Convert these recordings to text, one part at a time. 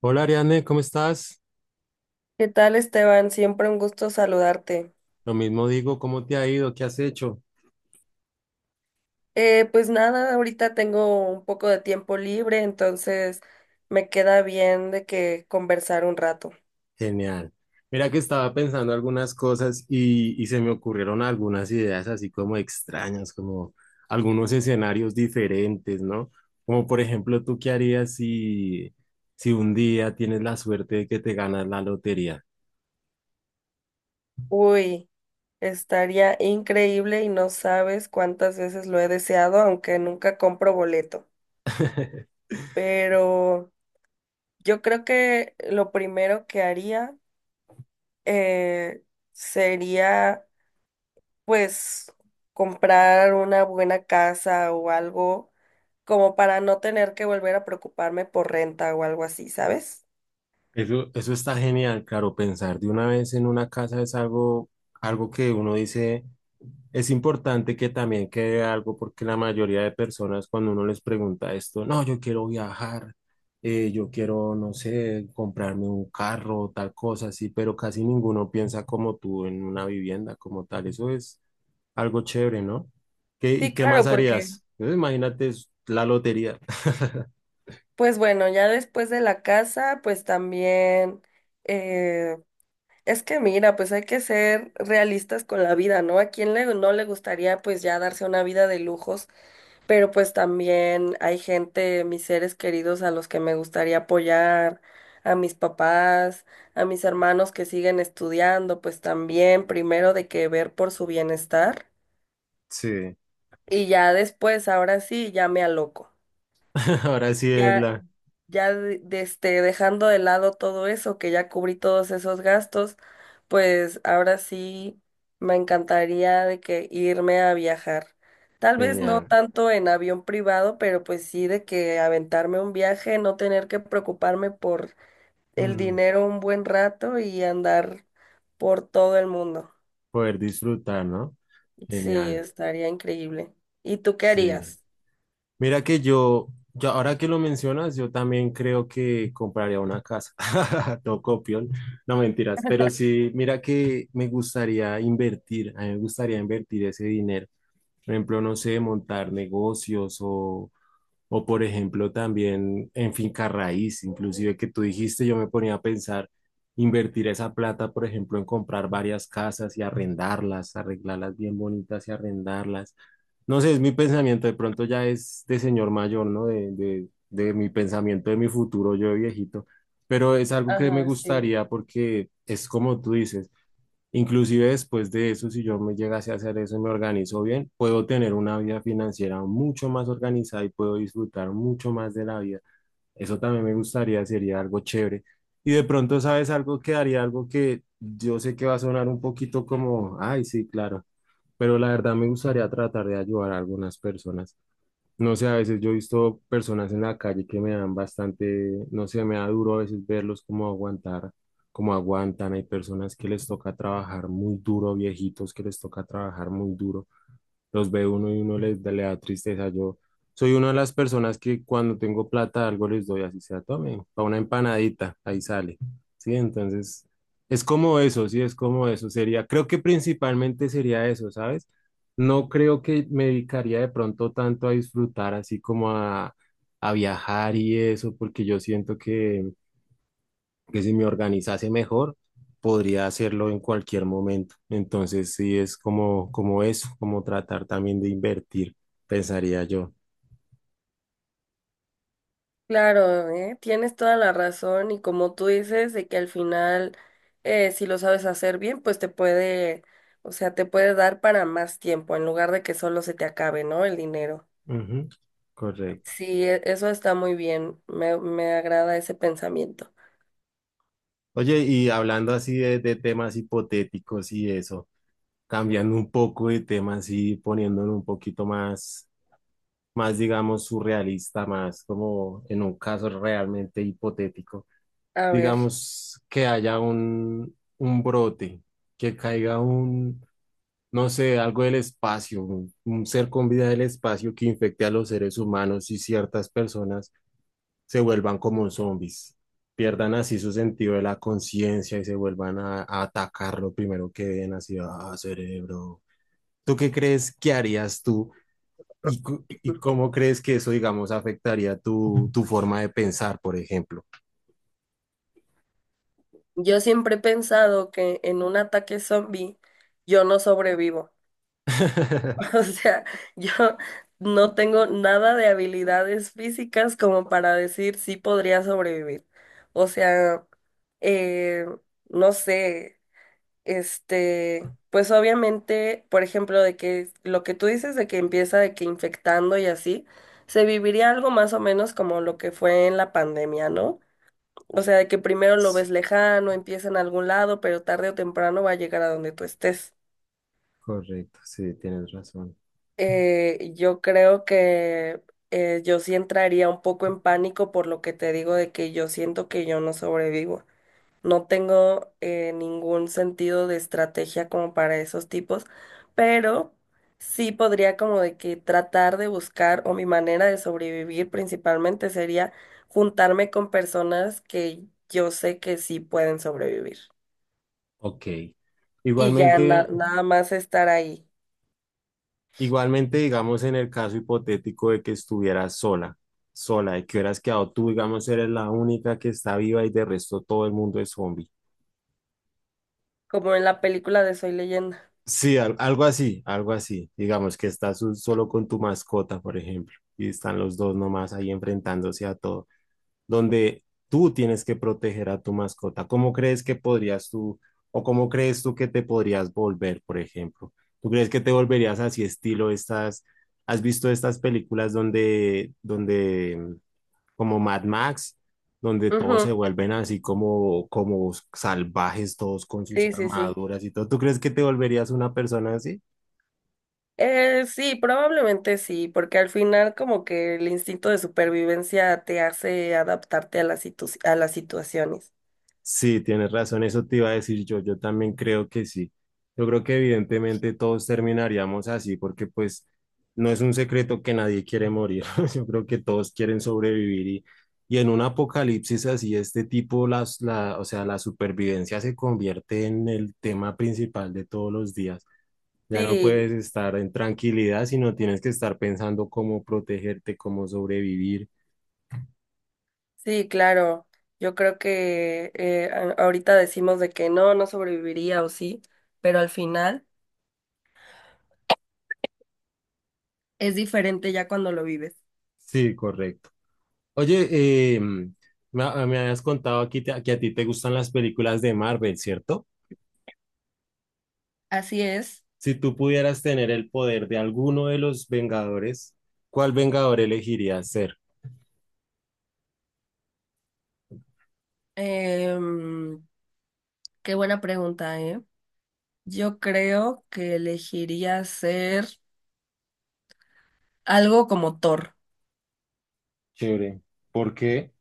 Hola Ariane, ¿cómo estás? ¿Qué tal, Esteban? Siempre un gusto saludarte. Lo mismo digo, ¿cómo te ha ido? ¿Qué has hecho? Pues nada, ahorita tengo un poco de tiempo libre, entonces me queda bien de que conversar un rato. Genial. Mira que estaba pensando algunas cosas y se me ocurrieron algunas ideas así como extrañas, como algunos escenarios diferentes, ¿no? Como por ejemplo, ¿tú qué harías si un día tienes la suerte de que te ganas la lotería? Uy, estaría increíble y no sabes cuántas veces lo he deseado, aunque nunca compro boleto. Pero yo creo que lo primero que haría eh, sería pues comprar una buena casa o algo como para no tener que volver a preocuparme por renta o algo así, ¿sabes? Eso está genial, claro, pensar de una vez en una casa es algo que uno dice. Es importante que también quede algo porque la mayoría de personas cuando uno les pregunta esto, no, yo quiero viajar, yo quiero, no sé, comprarme un carro, tal cosa así, pero casi ninguno piensa como tú en una vivienda como tal. Eso es algo chévere, ¿no? ¿Qué, y Sí, qué más claro, porque harías? Imagínate, es la lotería. pues bueno, ya después de la casa, pues también eh, es que mira, pues hay que ser realistas con la vida, ¿no? ¿A quién le, no le gustaría pues ya darse una vida de lujos? Pero pues también hay gente, mis seres queridos a los que me gustaría apoyar, a mis papás, a mis hermanos que siguen estudiando, pues también primero de que ver por su bienestar Sí, y ya después, ahora sí, ya me aloco. ahora sí es Ya, la... dejando de lado todo eso, que ya cubrí todos esos gastos, pues ahora sí me encantaría de que irme a viajar. Tal vez no Genial. tanto en avión privado, pero pues sí de que aventarme un viaje, no tener que preocuparme por el Mm, dinero un buen rato y andar por todo el mundo. poder disfrutar, ¿no? Sí, Genial. estaría increíble. ¿Y tú qué Sí. harías? Mira que yo, ahora que lo mencionas, yo también creo que compraría una casa. No copión, no mentiras, pero sí, mira que me gustaría invertir, a mí me gustaría invertir ese dinero. Por ejemplo, no sé, montar o por ejemplo, también en finca raíz, inclusive que tú dijiste, yo me ponía a pensar invertir esa plata, por ejemplo, en comprar varias casas y arrendarlas, arreglarlas bien bonitas y arrendarlas. No sé, es mi pensamiento, de pronto ya es de señor mayor, ¿no? De mi pensamiento, de mi futuro, yo de viejito. Pero es algo que me Ajá, sí. gustaría porque es como tú dices. Inclusive después de eso, si yo me llegase a hacer eso y me organizo bien, puedo tener una vida financiera mucho más organizada y puedo disfrutar mucho más de la vida. Eso también me gustaría, sería algo chévere. Y de pronto, ¿sabes algo que haría? Algo que yo sé que va a sonar un poquito como, ay, sí, claro, pero la verdad me gustaría tratar de ayudar a algunas personas. No sé, a veces yo he visto personas en la calle que me dan bastante, no sé, me da duro a veces verlos como aguantar, como aguantan. Hay personas que les toca trabajar muy duro, viejitos que les toca trabajar muy duro, los ve uno y uno le da tristeza. Yo soy una de las personas que cuando tengo plata algo les doy, así sea, tomen, para una empanadita, ahí sale. Sí, entonces es como eso, sí, es como eso. Sería, creo que principalmente sería eso, ¿sabes? No creo que me dedicaría de pronto tanto a disfrutar así como a viajar y eso, porque yo siento que si me organizase mejor, podría hacerlo en cualquier momento. Entonces, sí, es como, como eso, como tratar también de invertir, pensaría yo. Claro, ¿eh? Tienes toda la razón y como tú dices, de que al final, si lo sabes hacer bien, pues te puede, o sea, te puede dar para más tiempo en lugar de que solo se te acabe, ¿no? El dinero. Ujú, correcto. Sí, eso está muy bien, me agrada ese pensamiento. Oye, y hablando así de temas hipotéticos y eso, cambiando un poco de temas y poniéndolo un poquito más, digamos, surrealista, más como en un caso realmente hipotético, A ver, digamos que haya un brote, que caiga un, no sé, algo del espacio, un ser con vida del espacio que infecte a los seres humanos y ciertas personas se vuelvan como zombies, pierdan así su sentido de la conciencia y se vuelvan a atacar lo primero que ven, así, ah, cerebro. ¿Tú qué crees que harías tú y cómo crees que eso, digamos, afectaría tu forma de pensar, por ejemplo? yo siempre he pensado que en un ataque zombie yo no sobrevivo. O sea, yo no tengo nada de habilidades físicas como para decir si podría sobrevivir. O sea, eh, no sé, este, pues obviamente, por ejemplo, de que lo que tú dices de que empieza de que infectando y así, se viviría algo más o menos como lo que fue en la pandemia, ¿no? O sea, de que primero lo ves Sí, lejano, empieza en algún lado, pero tarde o temprano va a llegar a donde tú estés. correcto, sí, tienes razón. Yo creo que yo sí entraría un poco en pánico por lo que te digo de que yo siento que yo no sobrevivo. No tengo ningún sentido de estrategia como para esos tipos, pero sí podría como de que tratar de buscar o mi manera de sobrevivir principalmente sería juntarme con personas que yo sé que sí pueden sobrevivir Ok. y ya Igualmente. nada más estar ahí, Igualmente, digamos, en el caso hipotético de que estuvieras sola, de que hubieras quedado tú, digamos, eres la única que está viva y de resto todo el mundo es zombie. como en la película de Soy Leyenda. Sí, algo así, algo así. Digamos que estás solo con tu mascota, por ejemplo, y están los dos nomás ahí enfrentándose a todo, donde tú tienes que proteger a tu mascota. ¿Cómo crees que podrías tú, o cómo crees tú que te podrías volver, por ejemplo? ¿Tú crees que te volverías así estilo estas, has visto estas películas donde, como Mad Max, donde todos Ujú, se vuelven así como, como salvajes, todos con sus sí, sí, sí. armaduras y todo? ¿Tú crees que te volverías una persona así? Sí, probablemente sí, porque al final como que el instinto de supervivencia te hace adaptarte a a las situaciones. Sí, tienes razón, eso te iba a decir yo, yo también creo que sí. Yo creo que evidentemente todos terminaríamos así porque pues no es un secreto que nadie quiere morir, yo creo que todos quieren sobrevivir y en un apocalipsis así, este tipo, o sea, la supervivencia se convierte en el tema principal de todos los días. Ya no Sí, puedes estar en tranquilidad, sino tienes que estar pensando cómo protegerte, cómo sobrevivir. sí, claro. Yo creo que ahorita decimos de que no, no sobreviviría o sí, pero al final es diferente ya cuando lo vives. Sí, correcto. Oye, me habías contado aquí que a ti te gustan las películas de Marvel, ¿cierto? Así es. Si tú pudieras tener el poder de alguno de los Vengadores, ¿cuál Vengador elegirías ser? Em, qué buena pregunta, ¿eh? Yo creo que elegiría ser algo como Thor. Chévere. ¿Por qué?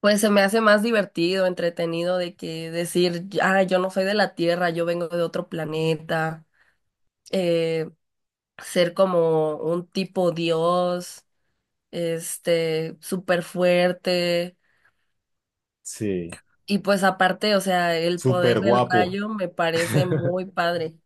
Pues se me hace más divertido, entretenido de que decir, ah, yo no soy de la Tierra, yo vengo de otro planeta, eh, ser como un tipo dios, este, súper fuerte, Sí, y pues aparte, o sea, el súper poder del guapo. rayo me parece muy padre.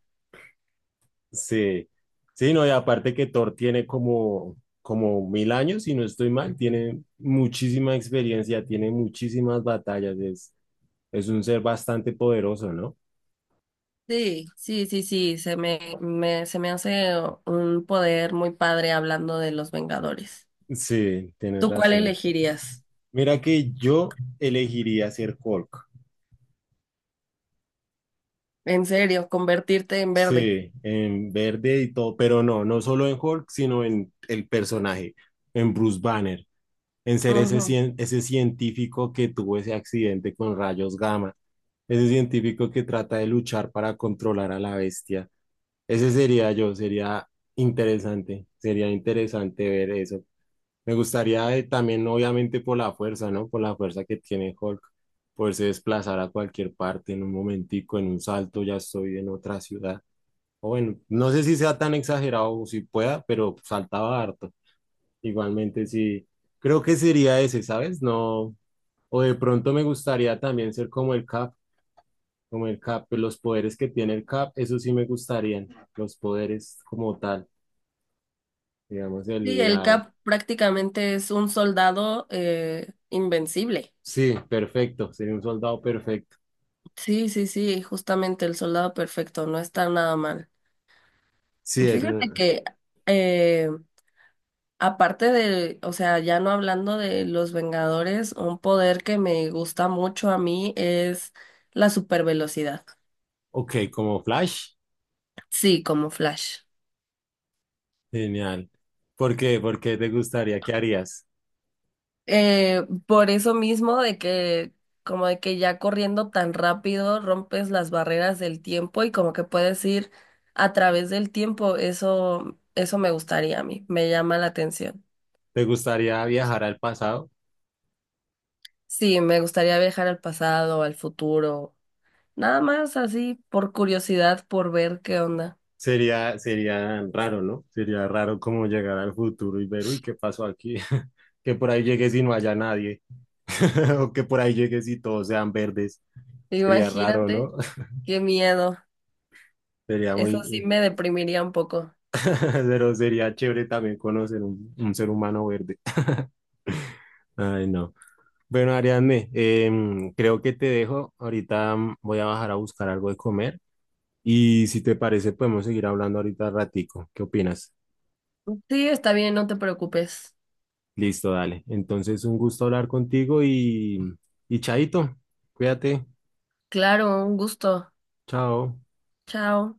Sí, sí, no, y aparte que Thor tiene como, como 1000 años, si no estoy mal, tiene muchísima experiencia, tiene muchísimas batallas, es un ser bastante poderoso, ¿no? Sí, sí, sí, sí, se me hace un poder muy padre hablando de los Vengadores. Sí, tienes ¿Tú cuál razón. elegirías? Mira que yo elegiría ser Hulk. En serio, convertirte en verde. Sí, en verde y todo, pero no, no solo en Hulk, sino en el personaje, en Bruce Banner, en ser ese, Ujú. Ese científico que tuvo ese accidente con rayos gamma, ese científico que trata de luchar para controlar a la bestia. Ese sería yo, sería interesante ver eso. Me gustaría también, obviamente, por la fuerza, ¿no? Por la fuerza que tiene Hulk, poderse desplazar a cualquier parte en un momentico, en un salto, ya estoy en otra ciudad. O bueno, no sé si sea tan exagerado o si pueda, pero saltaba harto. Igualmente, sí, creo que sería ese, ¿sabes? No, o de pronto me gustaría también ser como el Cap, pues, los poderes que tiene el Cap, eso sí me gustarían, los poderes como tal, digamos, Sí, el, el la... Cap prácticamente es un soldado invencible. Sí, perfecto, sería un soldado perfecto. Sí, sí, sí, justamente el soldado perfecto, no está nada mal. Sí, Y fíjate el. que, eh, aparte de, o sea, ya no hablando de los Vengadores, un poder que me gusta mucho a mí es la supervelocidad. Ok, como Flash. Sí, como Flash. Genial. ¿Por qué? ¿Por qué te gustaría? ¿Qué harías? Por eso mismo de que como de que ya corriendo tan rápido rompes las barreras del tiempo y como que puedes ir a través del tiempo, eso me gustaría a mí, me llama la atención. ¿Te gustaría viajar al pasado? Sí, me gustaría viajar al pasado, al futuro, nada más así por curiosidad, por ver qué onda. Sería, sería raro, ¿no? Sería raro como llegar al futuro y ver, uy, ¿qué pasó aquí? Que por ahí llegues y no haya nadie. O que por ahí llegues y todos sean verdes. Sería raro, Imagínate, ¿no? qué miedo. Sería Eso sí muy... me deprimiría un poco. Pero sería chévere también conocer un ser humano verde. Ay, no. Bueno, Ariadne, creo que te dejo. Ahorita voy a bajar a buscar algo de comer. Y si te parece, podemos seguir hablando ahorita ratico. ¿Qué opinas? Sí, está bien, no te preocupes. Listo, dale. Entonces, un gusto hablar contigo y chaito, cuídate. Claro, un gusto. Chao. Chao.